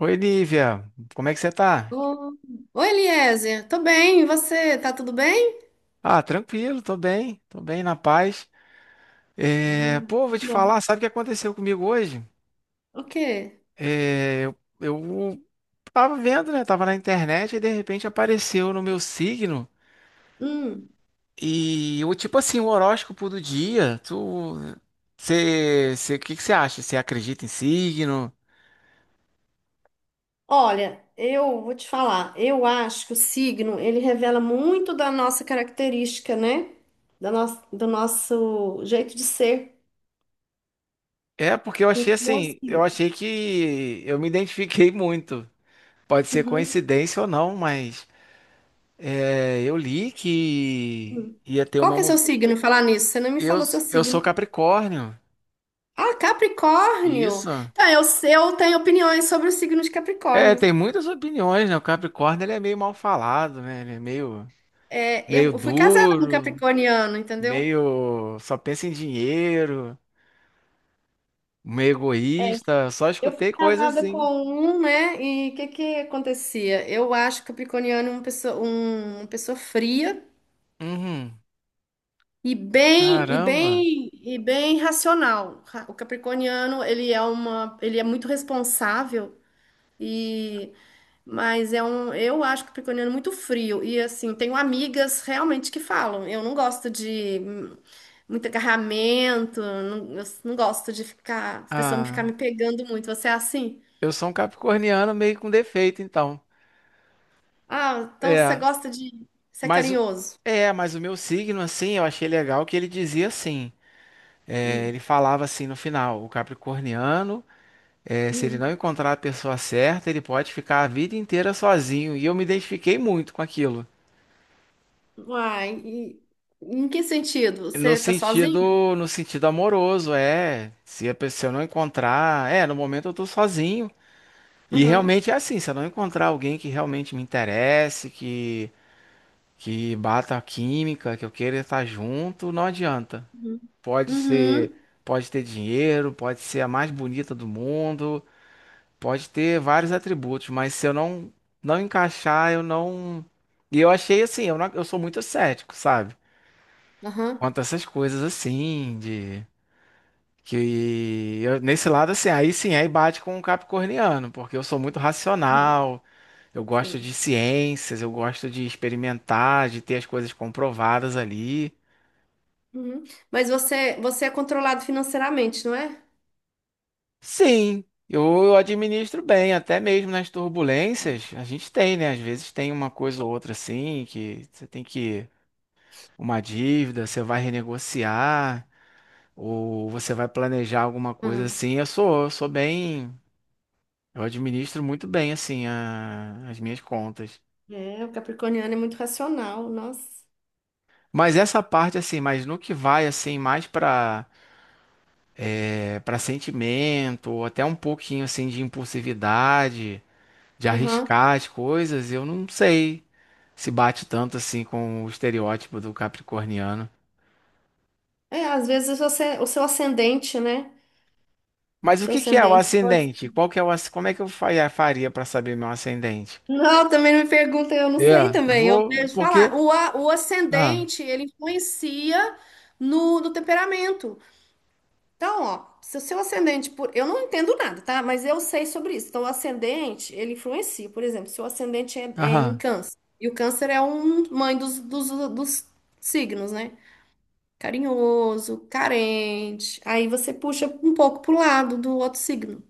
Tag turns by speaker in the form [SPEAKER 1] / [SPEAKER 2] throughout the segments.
[SPEAKER 1] Oi, Lívia, como é que você tá?
[SPEAKER 2] Ô, Oi, Eliezer, tô bem, e você? Tá tudo bem?
[SPEAKER 1] Ah, tranquilo, tô bem na paz. É,
[SPEAKER 2] Ah,
[SPEAKER 1] pô, vou te falar,
[SPEAKER 2] bom.
[SPEAKER 1] sabe o que aconteceu comigo hoje?
[SPEAKER 2] O quê?
[SPEAKER 1] É, eu, eu tava vendo, né? Tava na internet e de repente apareceu no meu signo
[SPEAKER 2] Hum.
[SPEAKER 1] e o tipo assim, o horóscopo do dia. Você, o que que você acha? Você acredita em signo?
[SPEAKER 2] Olha, eu vou te falar, eu acho que o signo, ele revela muito da nossa característica, né? Do nosso jeito de ser.
[SPEAKER 1] É, porque eu achei
[SPEAKER 2] Então,
[SPEAKER 1] assim, eu
[SPEAKER 2] assim.
[SPEAKER 1] achei que eu me identifiquei muito. Pode ser
[SPEAKER 2] Uhum.
[SPEAKER 1] coincidência ou não, mas. É, eu li que
[SPEAKER 2] Hum.
[SPEAKER 1] ia ter
[SPEAKER 2] Qual
[SPEAKER 1] uma
[SPEAKER 2] que é seu
[SPEAKER 1] mudança.
[SPEAKER 2] signo? Falar nisso, você não me
[SPEAKER 1] Eu,
[SPEAKER 2] falou seu
[SPEAKER 1] eu sou
[SPEAKER 2] signo.
[SPEAKER 1] Capricórnio.
[SPEAKER 2] Ah, Capricórnio!
[SPEAKER 1] Isso.
[SPEAKER 2] Então, eu tenho opiniões sobre o signo de
[SPEAKER 1] É,
[SPEAKER 2] Capricórnio.
[SPEAKER 1] tem muitas opiniões, né? O Capricórnio ele é meio mal falado, né? Ele é meio,
[SPEAKER 2] É,
[SPEAKER 1] meio
[SPEAKER 2] eu fui casada com um
[SPEAKER 1] duro,
[SPEAKER 2] capricorniano, entendeu?
[SPEAKER 1] meio só pensa em dinheiro, meio egoísta. Só
[SPEAKER 2] Eu fui
[SPEAKER 1] escutei coisas
[SPEAKER 2] casada com
[SPEAKER 1] assim.
[SPEAKER 2] um, né? E o que que acontecia? Eu acho Capricorniano é uma pessoa fria
[SPEAKER 1] Uhum.
[SPEAKER 2] e bem e
[SPEAKER 1] Caramba.
[SPEAKER 2] bem e bem racional. O Capricorniano, ele é muito responsável e mas eu acho o Capricorniano muito frio e assim, tenho amigas realmente que falam, eu não gosto de muito agarramento, não, eu não gosto de ficar, a pessoa me ficar me
[SPEAKER 1] Ah,
[SPEAKER 2] pegando muito. Você é assim?
[SPEAKER 1] eu sou um capricorniano meio com defeito, então.
[SPEAKER 2] Ah, então você
[SPEAKER 1] É,
[SPEAKER 2] gosta de ser
[SPEAKER 1] mas o-
[SPEAKER 2] carinhoso.
[SPEAKER 1] mas o meu signo assim, eu achei legal que ele dizia assim. É,
[SPEAKER 2] Hum,
[SPEAKER 1] ele falava assim no final: o capricorniano, se ele
[SPEAKER 2] hum.
[SPEAKER 1] não encontrar a pessoa certa, ele pode ficar a vida inteira sozinho. E eu me identifiquei muito com aquilo.
[SPEAKER 2] Uai, e em que sentido?
[SPEAKER 1] No
[SPEAKER 2] Você tá sozinho?
[SPEAKER 1] sentido, no sentido amoroso, é. Se a pessoa não encontrar, no momento eu tô sozinho. E
[SPEAKER 2] Aham.
[SPEAKER 1] realmente é assim, se eu não encontrar alguém que realmente me interesse, que bata a química, que eu queira estar junto, não adianta.
[SPEAKER 2] Uhum.
[SPEAKER 1] Pode ser,
[SPEAKER 2] Uhum.
[SPEAKER 1] pode ter dinheiro, pode ser a mais bonita do mundo, pode ter vários atributos, mas se eu não encaixar, eu não. E eu achei assim, eu não- eu sou muito cético, sabe?
[SPEAKER 2] Aham.
[SPEAKER 1] Quanto a essas coisas assim, que nesse lado assim, aí sim, aí bate com o capricorniano, porque eu sou muito
[SPEAKER 2] Uhum.
[SPEAKER 1] racional, eu gosto
[SPEAKER 2] Sim.
[SPEAKER 1] de ciências, eu gosto de experimentar, de ter as coisas comprovadas ali.
[SPEAKER 2] Uhum. Mas você é controlado financeiramente, não é?
[SPEAKER 1] Sim, eu administro bem, até mesmo nas turbulências, a gente tem, né? Às vezes tem uma coisa ou outra assim que você tem que uma dívida, você vai renegociar, ou você vai planejar alguma coisa
[SPEAKER 2] Aham.
[SPEAKER 1] assim. Eu sou bem, eu administro muito bem assim as minhas contas.
[SPEAKER 2] É, o capricorniano é muito racional, nossa.
[SPEAKER 1] Mas essa parte assim, mas no que vai assim mais para sentimento, ou até um pouquinho assim de impulsividade, de
[SPEAKER 2] Aham.
[SPEAKER 1] arriscar as coisas, eu não sei se bate tanto assim com o estereótipo do capricorniano.
[SPEAKER 2] É, às vezes o seu ascendente, né? O
[SPEAKER 1] Mas o
[SPEAKER 2] seu
[SPEAKER 1] que que é o
[SPEAKER 2] ascendente.
[SPEAKER 1] ascendente? Qual que é o, asc- como é que eu fa- é, faria para saber meu ascendente?
[SPEAKER 2] Não, também não me perguntem, eu não
[SPEAKER 1] É,
[SPEAKER 2] sei
[SPEAKER 1] eu
[SPEAKER 2] também. Eu
[SPEAKER 1] vou,
[SPEAKER 2] vejo falar.
[SPEAKER 1] porque,
[SPEAKER 2] O
[SPEAKER 1] ah,
[SPEAKER 2] ascendente, ele influencia no temperamento. Então, ó, se o seu ascendente, eu não entendo nada, tá? Mas eu sei sobre isso. Então, o ascendente, ele influencia. Por exemplo, se o ascendente é em
[SPEAKER 1] aham.
[SPEAKER 2] Câncer, e o Câncer é um mãe dos signos, né? Carinhoso, carente. Aí você puxa um pouco pro lado do outro signo.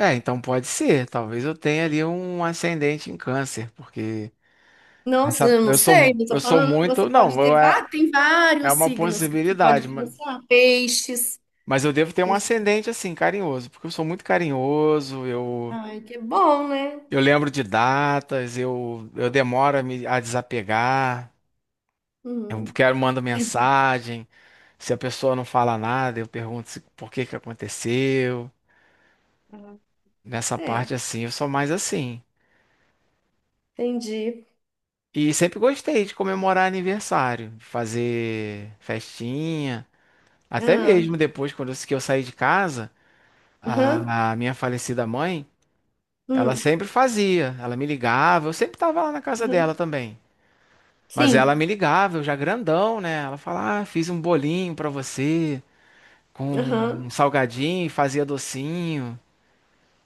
[SPEAKER 1] É, então pode ser, talvez eu tenha ali um ascendente em câncer, porque
[SPEAKER 2] Nossa,
[SPEAKER 1] essa,
[SPEAKER 2] eu não
[SPEAKER 1] eu sou,
[SPEAKER 2] sei, eu tô
[SPEAKER 1] eu sou
[SPEAKER 2] falando,
[SPEAKER 1] muito,
[SPEAKER 2] você
[SPEAKER 1] não,
[SPEAKER 2] pode ter, tem
[SPEAKER 1] é
[SPEAKER 2] vários
[SPEAKER 1] uma
[SPEAKER 2] signos que você pode
[SPEAKER 1] possibilidade, mas,
[SPEAKER 2] pensar. Peixes.
[SPEAKER 1] mas eu devo ter um
[SPEAKER 2] Peixe,
[SPEAKER 1] ascendente assim, carinhoso, porque eu sou muito carinhoso, eu,
[SPEAKER 2] ai, que bom, né?
[SPEAKER 1] eu lembro de datas, eu demoro a desapegar, eu
[SPEAKER 2] Uhum.
[SPEAKER 1] quero, mando mensagem, se a pessoa não fala nada, eu pergunto se, por que que aconteceu,
[SPEAKER 2] Ah,
[SPEAKER 1] nessa parte
[SPEAKER 2] é,
[SPEAKER 1] assim, eu sou mais assim.
[SPEAKER 2] entendi.
[SPEAKER 1] E sempre gostei de comemorar aniversário, de fazer festinha. Até
[SPEAKER 2] Ah.
[SPEAKER 1] mesmo depois, quando eu que eu saí de casa,
[SPEAKER 2] Aham.
[SPEAKER 1] a minha falecida mãe, ela
[SPEAKER 2] Hum.
[SPEAKER 1] sempre fazia. Ela me ligava, eu sempre estava lá na casa
[SPEAKER 2] Aham.
[SPEAKER 1] dela também. Mas ela
[SPEAKER 2] Sim,
[SPEAKER 1] me ligava, eu já grandão, né? Ela falava, ah, fiz um bolinho pra você, com
[SPEAKER 2] aham,
[SPEAKER 1] um salgadinho, fazia docinho.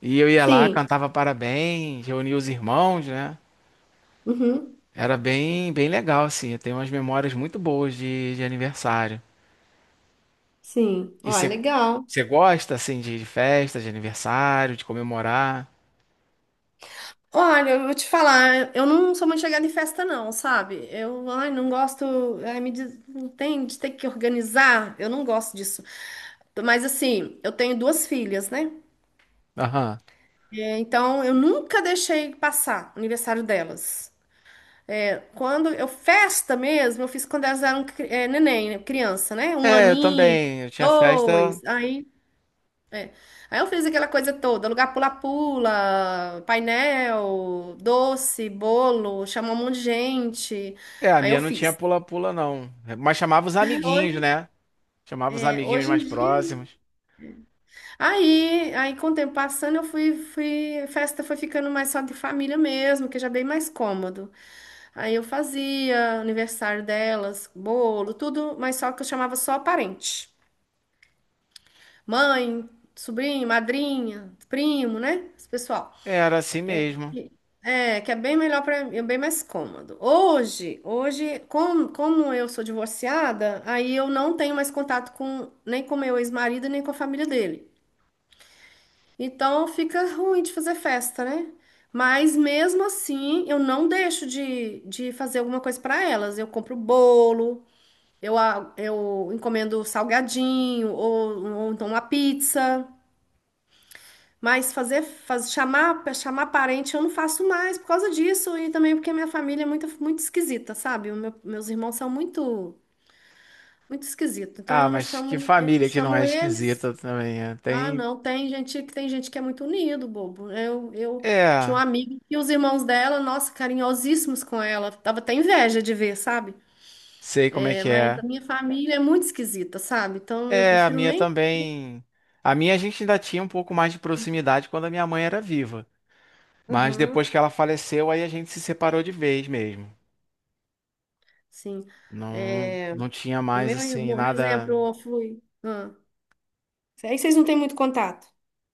[SPEAKER 1] E eu ia lá,
[SPEAKER 2] sim,
[SPEAKER 1] cantava parabéns, reunia os irmãos, né?
[SPEAKER 2] uhum,
[SPEAKER 1] Era bem, bem legal, assim. Eu tenho umas memórias muito boas de aniversário.
[SPEAKER 2] sim.
[SPEAKER 1] E
[SPEAKER 2] Ó, é
[SPEAKER 1] você
[SPEAKER 2] legal.
[SPEAKER 1] você gosta, assim, de festa, de aniversário, de comemorar?
[SPEAKER 2] Olha, eu vou te falar, eu não sou muito chegada em festa, não, sabe? Ai, não gosto, ai, me diz, não tem de ter que organizar, eu não gosto disso. Mas assim, eu tenho duas filhas, né?
[SPEAKER 1] Aham.
[SPEAKER 2] É, então, eu nunca deixei passar o aniversário delas. Quando eu festa mesmo, eu fiz quando elas eram é, neném, né, criança, né? Um
[SPEAKER 1] É, eu
[SPEAKER 2] aninho,
[SPEAKER 1] também. Eu tinha festa.
[SPEAKER 2] dois, aí, é. Aí eu fiz aquela coisa toda, lugar pula-pula, painel, doce, bolo, chamou um monte de gente.
[SPEAKER 1] É, a
[SPEAKER 2] Aí eu
[SPEAKER 1] minha não tinha
[SPEAKER 2] fiz.
[SPEAKER 1] pula-pula, não. Mas chamava os amiguinhos,
[SPEAKER 2] Hoje,
[SPEAKER 1] né? Chamava os
[SPEAKER 2] é,
[SPEAKER 1] amiguinhos
[SPEAKER 2] hoje em
[SPEAKER 1] mais
[SPEAKER 2] dia, né?
[SPEAKER 1] próximos.
[SPEAKER 2] Aí com o tempo passando, eu fui, festa foi ficando mais só de família mesmo, que já é bem mais cômodo. Aí eu fazia aniversário delas, bolo, tudo, mas só que eu chamava só parente. Mãe, sobrinho, madrinha, primo, né? Esse pessoal.
[SPEAKER 1] É, era assim mesmo.
[SPEAKER 2] E- É, que é bem melhor para mim, é bem mais cômodo. Hoje, como eu sou divorciada, aí eu não tenho mais contato com nem com meu ex-marido, nem com a família dele. Então fica ruim de fazer festa, né? Mas mesmo assim, eu não deixo de fazer alguma coisa para elas. Eu compro bolo. Eu encomendo salgadinho ou então uma pizza. Mas chamar parente eu não faço mais por causa disso e também porque minha família é muito, muito esquisita, sabe? Meus irmãos são muito, muito esquisitos. Então
[SPEAKER 1] Ah,
[SPEAKER 2] eu não
[SPEAKER 1] mas
[SPEAKER 2] chamo
[SPEAKER 1] que
[SPEAKER 2] ninguém, não
[SPEAKER 1] família que não
[SPEAKER 2] chamo
[SPEAKER 1] é
[SPEAKER 2] eles.
[SPEAKER 1] esquisita também. É.
[SPEAKER 2] Ah,
[SPEAKER 1] Tem.
[SPEAKER 2] não, tem gente que é muito unido, bobo. Eu tinha uma
[SPEAKER 1] É,
[SPEAKER 2] amiga e os irmãos dela, nossa, carinhosíssimos com ela. Tava até inveja de ver, sabe?
[SPEAKER 1] sei como é
[SPEAKER 2] É,
[SPEAKER 1] que
[SPEAKER 2] mas a
[SPEAKER 1] é.
[SPEAKER 2] minha família é muito esquisita, sabe? Então eu
[SPEAKER 1] É, a
[SPEAKER 2] prefiro
[SPEAKER 1] minha
[SPEAKER 2] nem.
[SPEAKER 1] também. A gente ainda tinha um pouco mais de proximidade quando a minha mãe era viva. Mas depois
[SPEAKER 2] Aham,
[SPEAKER 1] que ela faleceu, aí a gente se separou de vez mesmo.
[SPEAKER 2] sim.
[SPEAKER 1] Não,
[SPEAKER 2] É,
[SPEAKER 1] não tinha
[SPEAKER 2] o
[SPEAKER 1] mais
[SPEAKER 2] meu
[SPEAKER 1] assim
[SPEAKER 2] irmão, por
[SPEAKER 1] nada.
[SPEAKER 2] exemplo, eu fui. Ah. Aí vocês não têm muito contato.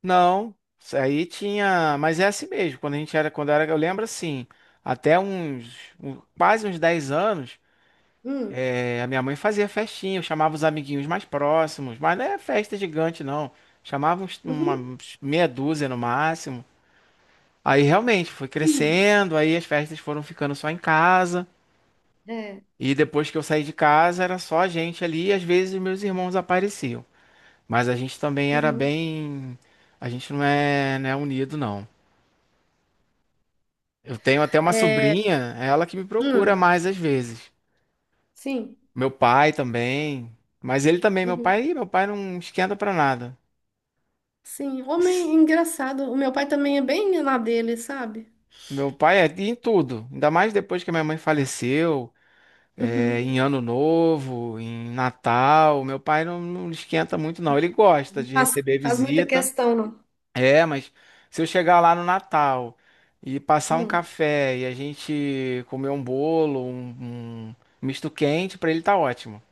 [SPEAKER 1] Não, isso aí tinha, mas é assim mesmo. Quando eu era, eu lembro assim, até quase uns 10 anos,
[SPEAKER 2] Hum,
[SPEAKER 1] a minha mãe fazia festinha, eu chamava os amiguinhos mais próximos, mas não é festa gigante não. Chamava
[SPEAKER 2] uhum,
[SPEAKER 1] uns meia dúzia no máximo. Aí realmente foi
[SPEAKER 2] sim.
[SPEAKER 1] crescendo, aí as festas foram ficando só em casa,
[SPEAKER 2] É,
[SPEAKER 1] e depois que eu saí de casa era só a gente ali, e às vezes os meus irmãos apareciam. Mas a gente também era
[SPEAKER 2] uhum.
[SPEAKER 1] bem. A gente não é unido, não. Eu tenho até uma
[SPEAKER 2] É,
[SPEAKER 1] sobrinha, ela que me procura
[SPEAKER 2] hum,
[SPEAKER 1] mais às vezes.
[SPEAKER 2] sim.
[SPEAKER 1] Meu pai também. Mas ele também, meu
[SPEAKER 2] Uhum,
[SPEAKER 1] pai, ih, meu pai não esquenta pra nada.
[SPEAKER 2] sim. Homem engraçado. O meu pai também é bem na dele, sabe?
[SPEAKER 1] Meu pai é em tudo. Ainda mais depois que a minha mãe faleceu,
[SPEAKER 2] Uhum.
[SPEAKER 1] em Ano Novo, em Natal. Meu pai não esquenta muito, não. Ele gosta de
[SPEAKER 2] Faz,
[SPEAKER 1] receber
[SPEAKER 2] faz muita
[SPEAKER 1] visita.
[SPEAKER 2] questão, não.
[SPEAKER 1] É, mas se eu chegar lá no Natal e passar um
[SPEAKER 2] Hum.
[SPEAKER 1] café e a gente comer um bolo, um misto quente, pra ele tá ótimo.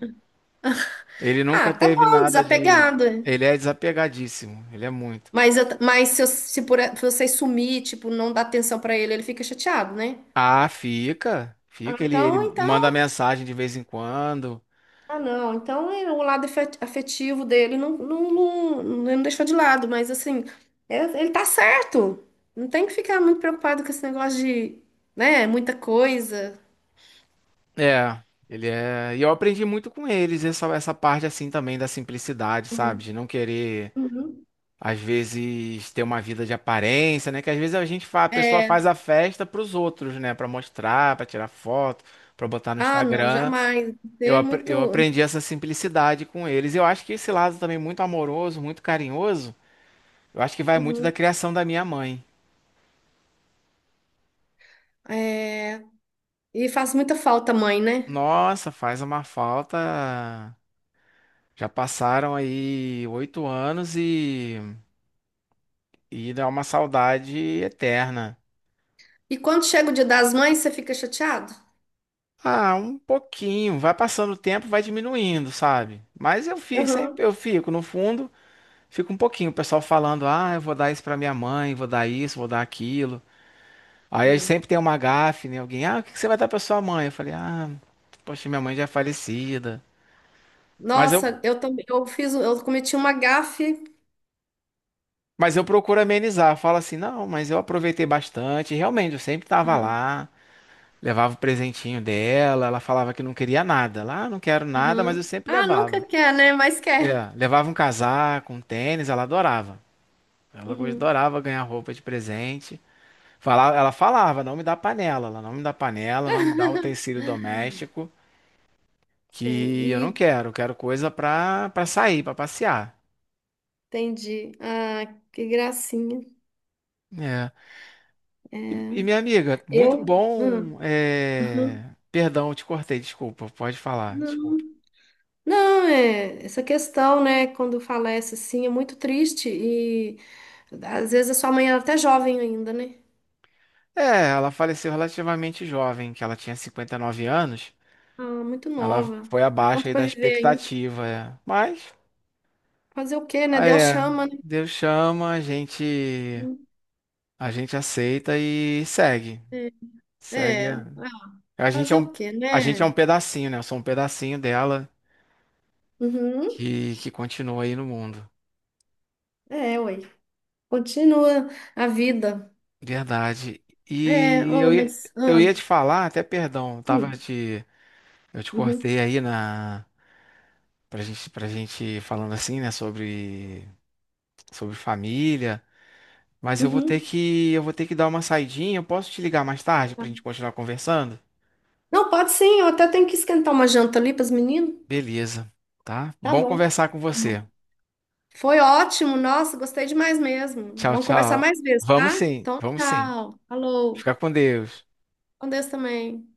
[SPEAKER 1] Ele
[SPEAKER 2] Ah,
[SPEAKER 1] nunca
[SPEAKER 2] tá
[SPEAKER 1] teve
[SPEAKER 2] bom,
[SPEAKER 1] nada de.
[SPEAKER 2] desapegado. É.
[SPEAKER 1] Ele é desapegadíssimo, ele é muito.
[SPEAKER 2] Mas, eu- mas se, eu- se por, se você sumir, tipo, não dar atenção pra ele, ele fica chateado, né?
[SPEAKER 1] Ah, fica,
[SPEAKER 2] Ah,
[SPEAKER 1] fica. Ele
[SPEAKER 2] então,
[SPEAKER 1] manda
[SPEAKER 2] então.
[SPEAKER 1] mensagem de vez em quando.
[SPEAKER 2] Ah, não. Então o lado afetivo dele não, não, não, ele não deixou de lado, mas assim, ele tá certo. Não tem que ficar muito preocupado com esse negócio de, né, muita coisa.
[SPEAKER 1] É, ele é. E eu aprendi muito com eles, essa parte assim também da simplicidade, sabe?
[SPEAKER 2] Uhum.
[SPEAKER 1] De não querer.
[SPEAKER 2] Uhum.
[SPEAKER 1] Às vezes ter uma vida de aparência, né? Que às vezes a pessoa faz
[SPEAKER 2] É.
[SPEAKER 1] a festa para os outros, né? Para mostrar, para tirar foto, para botar no
[SPEAKER 2] Ah, não,
[SPEAKER 1] Instagram.
[SPEAKER 2] jamais. Você
[SPEAKER 1] Eu,
[SPEAKER 2] é
[SPEAKER 1] apre- eu
[SPEAKER 2] muito.
[SPEAKER 1] aprendi essa simplicidade com eles. Eu acho que esse lado também muito amoroso, muito carinhoso, eu acho que vai muito da
[SPEAKER 2] Uhum.
[SPEAKER 1] criação da minha mãe.
[SPEAKER 2] É, e faz muita falta, a mãe, né?
[SPEAKER 1] Nossa, faz uma falta. Já passaram aí 8 anos e dá uma saudade eterna.
[SPEAKER 2] E quando chega o Dia das Mães, você fica chateado?
[SPEAKER 1] Ah, um pouquinho. Vai passando o tempo, vai diminuindo, sabe? Mas eu fico sempre,
[SPEAKER 2] Uhum.
[SPEAKER 1] eu fico no fundo, fico um pouquinho. O pessoal falando, ah, eu vou dar isso pra minha mãe, vou dar isso, vou dar aquilo. Aí
[SPEAKER 2] É.
[SPEAKER 1] sempre tem uma gafe, né? Alguém, ah, o que que você vai dar pra sua mãe? Eu falei, ah, poxa, minha mãe já é falecida. Mas eu,
[SPEAKER 2] Nossa, eu também, eu cometi uma gafe.
[SPEAKER 1] mas eu procuro amenizar. Eu falo assim, não, mas eu aproveitei bastante. Realmente, eu sempre tava
[SPEAKER 2] Uhum.
[SPEAKER 1] lá, levava o presentinho dela. Ela falava que não queria nada. Lá, não quero nada, mas
[SPEAKER 2] Uhum.
[SPEAKER 1] eu sempre
[SPEAKER 2] Ah,
[SPEAKER 1] levava.
[SPEAKER 2] nunca quer, né? Mas quer.
[SPEAKER 1] É, levava um casaco, um tênis, ela adorava. Ela go-
[SPEAKER 2] Uhum.
[SPEAKER 1] adorava ganhar roupa de presente. Ela falava, não me dá panela, ela não me dá panela, não me dá utensílio doméstico,
[SPEAKER 2] Sei,
[SPEAKER 1] que eu não
[SPEAKER 2] e
[SPEAKER 1] quero, eu quero coisa pra sair, pra passear.
[SPEAKER 2] entendi. Ah, que gracinha.
[SPEAKER 1] É.
[SPEAKER 2] É.
[SPEAKER 1] Minha amiga, muito
[SPEAKER 2] Eu?
[SPEAKER 1] bom.
[SPEAKER 2] Uhum.
[SPEAKER 1] Perdão, eu te cortei, desculpa, pode falar,
[SPEAKER 2] Não,
[SPEAKER 1] desculpa.
[SPEAKER 2] não, é essa questão, né? Quando falece assim, é muito triste e às vezes a sua mãe era até jovem ainda, né?
[SPEAKER 1] É, ela faleceu relativamente jovem, que ela tinha 59 anos.
[SPEAKER 2] Ah, muito
[SPEAKER 1] Ela
[SPEAKER 2] nova.
[SPEAKER 1] foi abaixo
[SPEAKER 2] Tanto
[SPEAKER 1] aí
[SPEAKER 2] para
[SPEAKER 1] da
[SPEAKER 2] viver ainda.
[SPEAKER 1] expectativa, é. Mas.
[SPEAKER 2] Fazer o quê, né?
[SPEAKER 1] Ah,
[SPEAKER 2] Deus
[SPEAKER 1] é,
[SPEAKER 2] chama, né?
[SPEAKER 1] Deus chama, a gente aceita e segue.
[SPEAKER 2] É,
[SPEAKER 1] Segue.
[SPEAKER 2] é.
[SPEAKER 1] A
[SPEAKER 2] Ah,
[SPEAKER 1] a gente é
[SPEAKER 2] fazer o
[SPEAKER 1] um,
[SPEAKER 2] quê,
[SPEAKER 1] a gente é um
[SPEAKER 2] né?
[SPEAKER 1] pedacinho, né? Eu sou um pedacinho dela
[SPEAKER 2] Uhum.
[SPEAKER 1] que continua aí no mundo.
[SPEAKER 2] É, oi. Continua a vida.
[SPEAKER 1] Verdade.
[SPEAKER 2] É,
[SPEAKER 1] E
[SPEAKER 2] oi,
[SPEAKER 1] eu ia,
[SPEAKER 2] mas.
[SPEAKER 1] eu
[SPEAKER 2] Ah,
[SPEAKER 1] ia te falar, até perdão,
[SPEAKER 2] hum.
[SPEAKER 1] eu te
[SPEAKER 2] Uhum,
[SPEAKER 1] cortei aí na pra gente falando assim, né, sobre família, mas eu vou ter
[SPEAKER 2] uhum.
[SPEAKER 1] que eu vou ter que dar uma saidinha. Eu posso te ligar mais tarde pra
[SPEAKER 2] Tá.
[SPEAKER 1] gente continuar conversando?
[SPEAKER 2] Não, pode sim, eu até tenho que esquentar uma janta ali para os meninos.
[SPEAKER 1] Beleza, tá?
[SPEAKER 2] Tá
[SPEAKER 1] Bom
[SPEAKER 2] bom. Tá.
[SPEAKER 1] conversar com
[SPEAKER 2] Bom,
[SPEAKER 1] você.
[SPEAKER 2] foi ótimo, nossa, gostei demais mesmo.
[SPEAKER 1] Tchau,
[SPEAKER 2] Vamos conversar
[SPEAKER 1] tchau.
[SPEAKER 2] mais vezes,
[SPEAKER 1] Vamos
[SPEAKER 2] tá?
[SPEAKER 1] sim,
[SPEAKER 2] Então,
[SPEAKER 1] vamos sim.
[SPEAKER 2] tchau. Alô,
[SPEAKER 1] Fica com Deus.
[SPEAKER 2] com Deus também.